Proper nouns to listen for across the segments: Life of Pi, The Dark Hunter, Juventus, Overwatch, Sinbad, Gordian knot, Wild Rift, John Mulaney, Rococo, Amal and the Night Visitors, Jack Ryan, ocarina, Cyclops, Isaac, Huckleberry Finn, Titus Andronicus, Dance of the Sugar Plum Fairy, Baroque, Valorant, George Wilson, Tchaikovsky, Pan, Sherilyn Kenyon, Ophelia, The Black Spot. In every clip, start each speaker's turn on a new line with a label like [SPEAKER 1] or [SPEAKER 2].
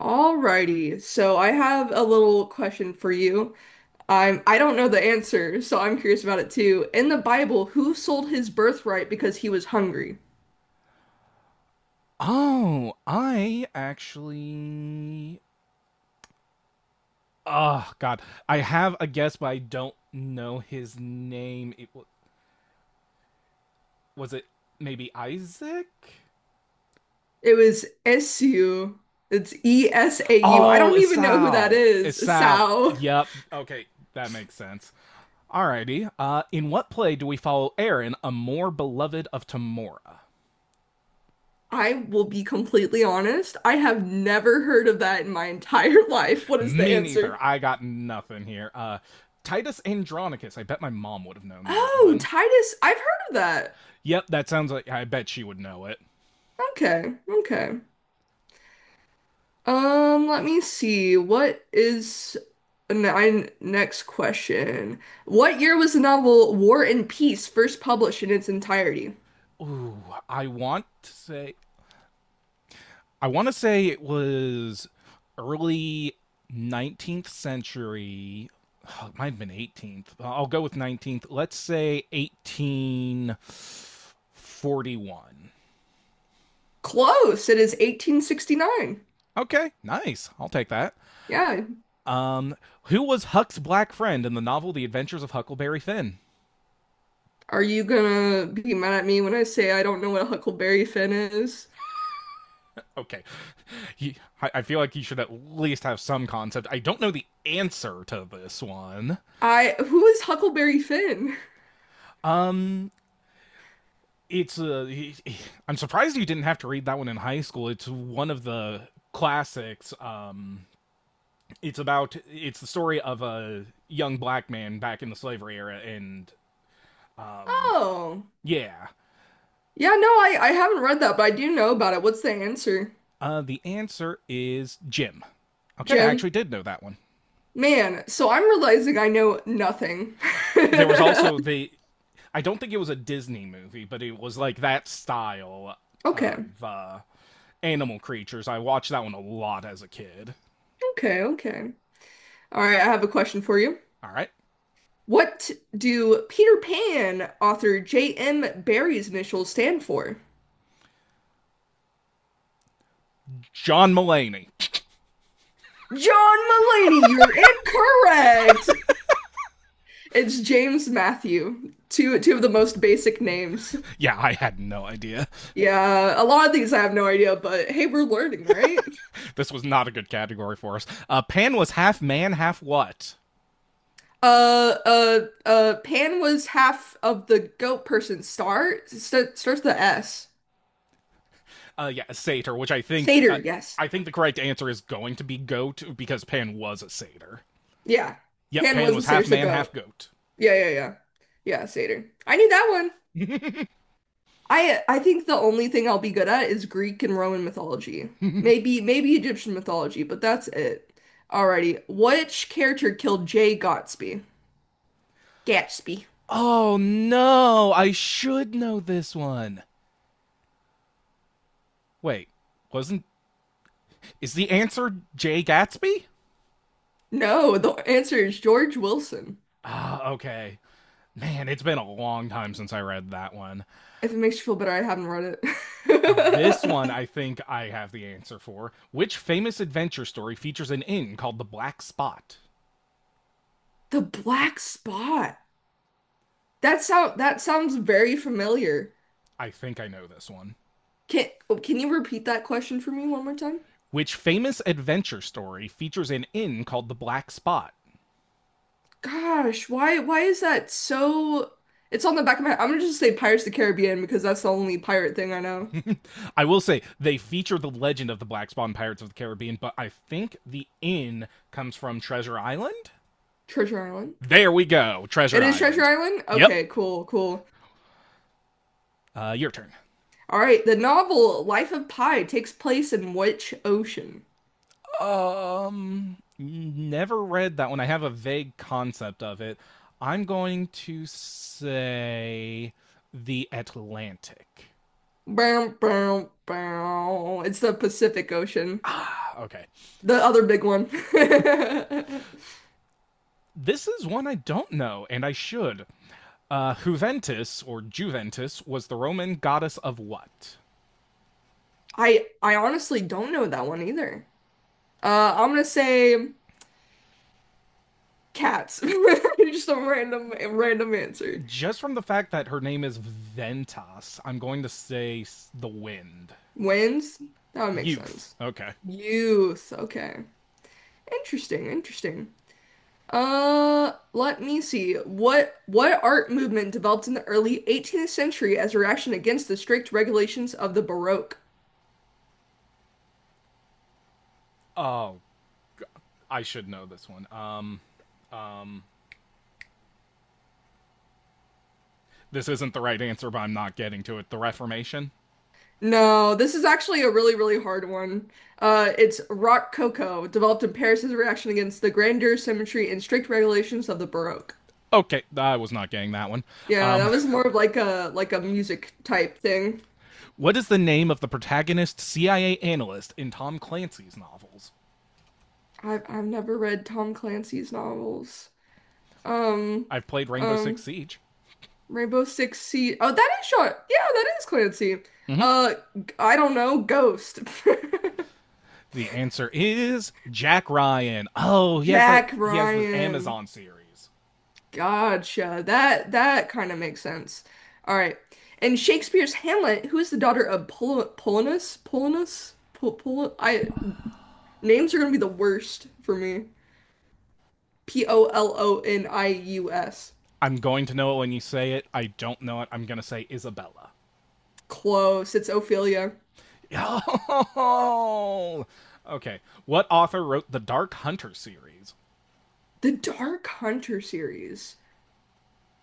[SPEAKER 1] Alrighty, so I have a little question for you. I don't know the answer, so I'm curious about it too. In the Bible, who sold his birthright because he was hungry?
[SPEAKER 2] Oh, I actually. Oh God, I have a guess, but I don't know his name. Was it maybe Isaac?
[SPEAKER 1] It was Esau. It's Esau. I
[SPEAKER 2] Oh,
[SPEAKER 1] don't even know who that
[SPEAKER 2] Esau.
[SPEAKER 1] is.
[SPEAKER 2] Esau.
[SPEAKER 1] Esau.
[SPEAKER 2] Yep. Okay, that makes sense. Alrighty. In what play do we follow Aaron, a more beloved of Tamora?
[SPEAKER 1] I will be completely honest. I have never heard of that in my entire life. What is the
[SPEAKER 2] Me neither.
[SPEAKER 1] answer?
[SPEAKER 2] I got nothing here. Titus Andronicus. I bet my mom would have known that
[SPEAKER 1] Oh,
[SPEAKER 2] one.
[SPEAKER 1] Titus. I've heard of that.
[SPEAKER 2] Yep, that sounds like I bet she would know it.
[SPEAKER 1] Okay. Okay. Let me see. What is nine next question? What year was the novel War and Peace first published in its entirety?
[SPEAKER 2] Ooh, I want to say I want to say it was early 19th century. Oh, it might have been 18th. I'll go with 19th. Let's say 1841.
[SPEAKER 1] Close. It is 1869.
[SPEAKER 2] Okay, nice. I'll take that.
[SPEAKER 1] Yeah.
[SPEAKER 2] Um, who was Huck's black friend in the novel The Adventures of Huckleberry Finn?
[SPEAKER 1] Are you gonna be mad at me when I say I don't know what a Huckleberry Finn is?
[SPEAKER 2] Okay, he, I feel like he should at least have some concept. I don't know the answer to this one.
[SPEAKER 1] I who is Huckleberry Finn?
[SPEAKER 2] Um, it's a. I'm surprised you didn't have to read that one in high school. It's one of the classics. It's about it's the story of a young black man back in the slavery era, and um,
[SPEAKER 1] Oh.
[SPEAKER 2] yeah,
[SPEAKER 1] Yeah, no, I haven't read that, but I do know about it. What's the answer,
[SPEAKER 2] the answer is Jim. Okay, I
[SPEAKER 1] Jim?
[SPEAKER 2] actually did know that one.
[SPEAKER 1] Man, so I'm realizing I know nothing.
[SPEAKER 2] There was also the. I don't think it was a Disney movie, but it was like that style
[SPEAKER 1] Okay,
[SPEAKER 2] of animal creatures. I watched that one a lot as a kid.
[SPEAKER 1] okay, okay. All right, I have a question for you.
[SPEAKER 2] All right,
[SPEAKER 1] What do Peter Pan author J.M. Barrie's initials stand for?
[SPEAKER 2] John Mulaney.
[SPEAKER 1] John Mulaney, you're incorrect. It's James Matthew. Two of the most basic names.
[SPEAKER 2] Yeah, I had no idea.
[SPEAKER 1] Yeah, a lot of these I have no idea, but hey, we're learning, right?
[SPEAKER 2] This was not a good category for us. Pan was half man, half what?
[SPEAKER 1] Uh, uh, Pan was half of the goat person. Starts with the S.
[SPEAKER 2] Yeah, a satyr, which
[SPEAKER 1] Satyr, yes.
[SPEAKER 2] I think the correct answer is going to be goat because Pan was a satyr.
[SPEAKER 1] Yeah.
[SPEAKER 2] Yep,
[SPEAKER 1] Pan
[SPEAKER 2] Pan
[SPEAKER 1] was the
[SPEAKER 2] was
[SPEAKER 1] satyr,
[SPEAKER 2] half
[SPEAKER 1] it's a
[SPEAKER 2] man,
[SPEAKER 1] goat.
[SPEAKER 2] half goat.
[SPEAKER 1] Yeah, yeah, yeah. Yeah, satyr. I need that one. I think the only thing I'll be good at is Greek and Roman mythology. Maybe Egyptian mythology, but that's it. Alrighty. Which character killed Jay Gatsby? Gatsby.
[SPEAKER 2] Oh no, I should know this one. Wait, wasn't is the answer Jay Gatsby?
[SPEAKER 1] No, the answer is George Wilson.
[SPEAKER 2] Okay. Man, it's been a long time since I read that one.
[SPEAKER 1] If it makes you feel better, I haven't read
[SPEAKER 2] This
[SPEAKER 1] it.
[SPEAKER 2] one, I think I have the answer for. Which famous adventure story features an inn called the Black Spot?
[SPEAKER 1] The Black Spot. That sounds very familiar.
[SPEAKER 2] I think I know this one.
[SPEAKER 1] Can oh, can you repeat that question for me one more time?
[SPEAKER 2] Which famous adventure story features an inn called the Black Spot?
[SPEAKER 1] Gosh, why is that so? It's on the back of my. I'm gonna just say Pirates of the Caribbean because that's the only pirate thing I know.
[SPEAKER 2] I will say they feature the legend of the Black Spot in Pirates of the Caribbean, but I think the inn comes from Treasure Island.
[SPEAKER 1] Treasure Island.
[SPEAKER 2] There we go,
[SPEAKER 1] It
[SPEAKER 2] Treasure
[SPEAKER 1] is Treasure
[SPEAKER 2] Island.
[SPEAKER 1] Island?
[SPEAKER 2] Yep.
[SPEAKER 1] Okay, cool, cool.
[SPEAKER 2] Your turn.
[SPEAKER 1] All right, the novel Life of Pi takes place in which ocean?
[SPEAKER 2] Never read that one. I have a vague concept of it. I'm going to say the Atlantic.
[SPEAKER 1] Bow, bow, bow. It's the Pacific Ocean.
[SPEAKER 2] Ah, okay.
[SPEAKER 1] The other big one.
[SPEAKER 2] This is one I don't know, and I should. Juventus, or Juventus, was the Roman goddess of what?
[SPEAKER 1] I honestly don't know that one either. I'm gonna say cats. Just a random answer.
[SPEAKER 2] Just from the fact that her name is Ventas, I'm going to say the wind.
[SPEAKER 1] Wins? That would make
[SPEAKER 2] Youth.
[SPEAKER 1] sense.
[SPEAKER 2] Okay.
[SPEAKER 1] Youth. Okay. Interesting, interesting. Let me see. What art movement developed in the early 18th century as a reaction against the strict regulations of the Baroque?
[SPEAKER 2] I should know this one. This isn't the right answer, but I'm not getting to it. The Reformation?
[SPEAKER 1] No, this is actually a really, really hard one. It's Rococo, developed in Paris as a reaction against the grandeur, symmetry, and strict regulations of the Baroque.
[SPEAKER 2] Okay, I was not getting that one.
[SPEAKER 1] Yeah,
[SPEAKER 2] Um,
[SPEAKER 1] that was more of like a music type thing.
[SPEAKER 2] what is the name of the protagonist CIA analyst in Tom Clancy's novels?
[SPEAKER 1] I've never read Tom Clancy's novels. Um,
[SPEAKER 2] I've played Rainbow Six
[SPEAKER 1] um,
[SPEAKER 2] Siege.
[SPEAKER 1] Rainbow Six Siege. Oh, that is short. Yeah, that is Clancy.
[SPEAKER 2] Mm-hmm.
[SPEAKER 1] Uh, I don't know. Ghost.
[SPEAKER 2] The answer is Jack Ryan. Oh, he has that.
[SPEAKER 1] Jack
[SPEAKER 2] He has the
[SPEAKER 1] Ryan.
[SPEAKER 2] Amazon series.
[SPEAKER 1] Gotcha. That kind of makes sense. All right. And Shakespeare's Hamlet, who is the daughter of Polonus? Polonus? Pol Pol I names are gonna be the worst for me. Polonius.
[SPEAKER 2] I'm going to know it when you say it. I don't know it. I'm going to say Isabella.
[SPEAKER 1] Close. It's Ophelia.
[SPEAKER 2] Oh. Okay. What author wrote the Dark Hunter series?
[SPEAKER 1] The Dark Hunter series.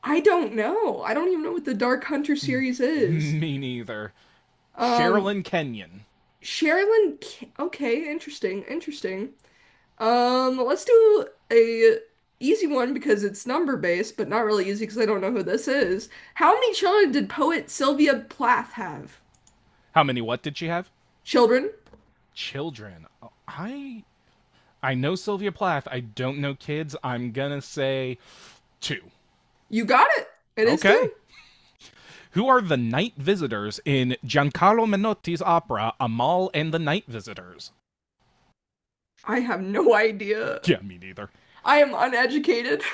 [SPEAKER 1] I don't know. I don't even know what the Dark Hunter series is.
[SPEAKER 2] Me neither.
[SPEAKER 1] Um,
[SPEAKER 2] Sherilyn Kenyon.
[SPEAKER 1] Sherilyn. K- Okay, interesting, interesting. Let's do a easy one because it's number based, but not really easy because I don't know who this is. How many children did poet Sylvia Plath have?
[SPEAKER 2] How many what did she have?
[SPEAKER 1] Children?
[SPEAKER 2] Children. Oh, I know Sylvia Plath. I don't know kids. I'm gonna say two.
[SPEAKER 1] You got it. It is
[SPEAKER 2] Okay.
[SPEAKER 1] 2.
[SPEAKER 2] Who are the night visitors in Giancarlo Menotti's opera Amal and the Night Visitors?
[SPEAKER 1] I have no idea.
[SPEAKER 2] Yeah, me neither.
[SPEAKER 1] I am uneducated.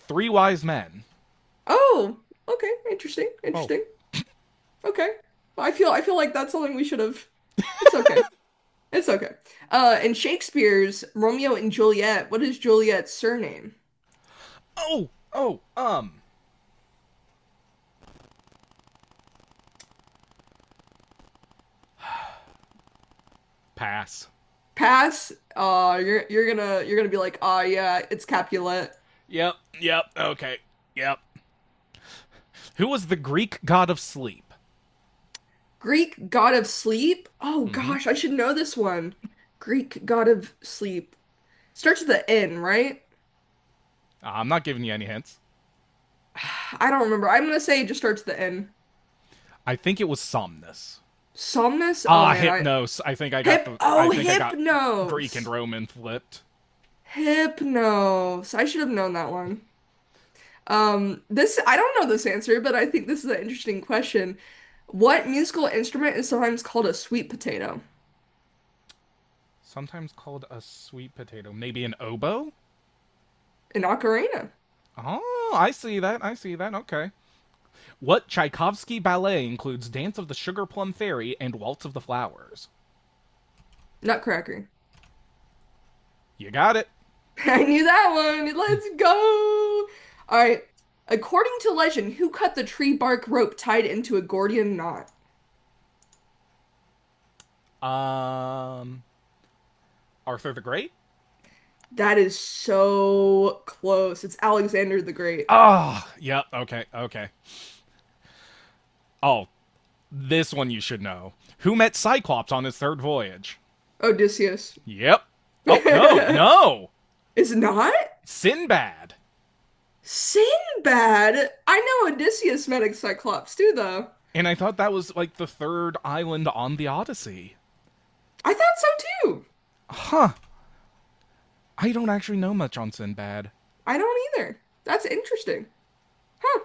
[SPEAKER 2] Three wise men.
[SPEAKER 1] Oh, okay, interesting,
[SPEAKER 2] Oh.
[SPEAKER 1] interesting. Okay. I feel like that's something we should have. It's okay. It's okay. In Shakespeare's Romeo and Juliet, what is Juliet's surname?
[SPEAKER 2] Oh, pass.
[SPEAKER 1] Pass. You're gonna be like, ah, yeah, it's Capulet.
[SPEAKER 2] Yep, yep, okay, yep. Who was the Greek god of sleep?
[SPEAKER 1] Greek god of sleep. Oh
[SPEAKER 2] Mm-hmm.
[SPEAKER 1] gosh, I should know this one. Greek god of sleep starts with the N, right?
[SPEAKER 2] I'm not giving you any hints.
[SPEAKER 1] I don't remember. I'm gonna say it just starts with the N.
[SPEAKER 2] I think it was Somnus.
[SPEAKER 1] Somnus. Oh
[SPEAKER 2] Ah,
[SPEAKER 1] man, I
[SPEAKER 2] Hypnos. I think I got
[SPEAKER 1] hip.
[SPEAKER 2] the. I
[SPEAKER 1] Oh,
[SPEAKER 2] think I got Greek and
[SPEAKER 1] Hypnos.
[SPEAKER 2] Roman flipped.
[SPEAKER 1] Hypnos. I should have known that one. This I don't know this answer, but I think this is an interesting question. What musical instrument is sometimes called a sweet potato?
[SPEAKER 2] Sometimes called a sweet potato. Maybe an oboe?
[SPEAKER 1] An ocarina,
[SPEAKER 2] Oh, I see that. I see that. Okay. What Tchaikovsky ballet includes Dance of the Sugar Plum Fairy and Waltz of the Flowers?
[SPEAKER 1] nutcracker.
[SPEAKER 2] You got it.
[SPEAKER 1] I knew that one. Let's go. All right. According to legend, who cut the tree bark rope tied into a Gordian knot?
[SPEAKER 2] Um, Arthur the Great?
[SPEAKER 1] That is so close. It's Alexander the Great.
[SPEAKER 2] Ah, oh, yep. Yeah, okay, okay. Oh, this one you should know. Who met Cyclops on his third voyage?
[SPEAKER 1] Odysseus.
[SPEAKER 2] Yep. Oh, no, no.
[SPEAKER 1] It's not?
[SPEAKER 2] Sinbad.
[SPEAKER 1] Sinbad. I know Odysseus met a Cyclops too, though.
[SPEAKER 2] And I thought that was like the third island on the Odyssey.
[SPEAKER 1] I thought so too.
[SPEAKER 2] Huh. I don't actually know much on Sinbad.
[SPEAKER 1] I don't either. That's interesting. Huh.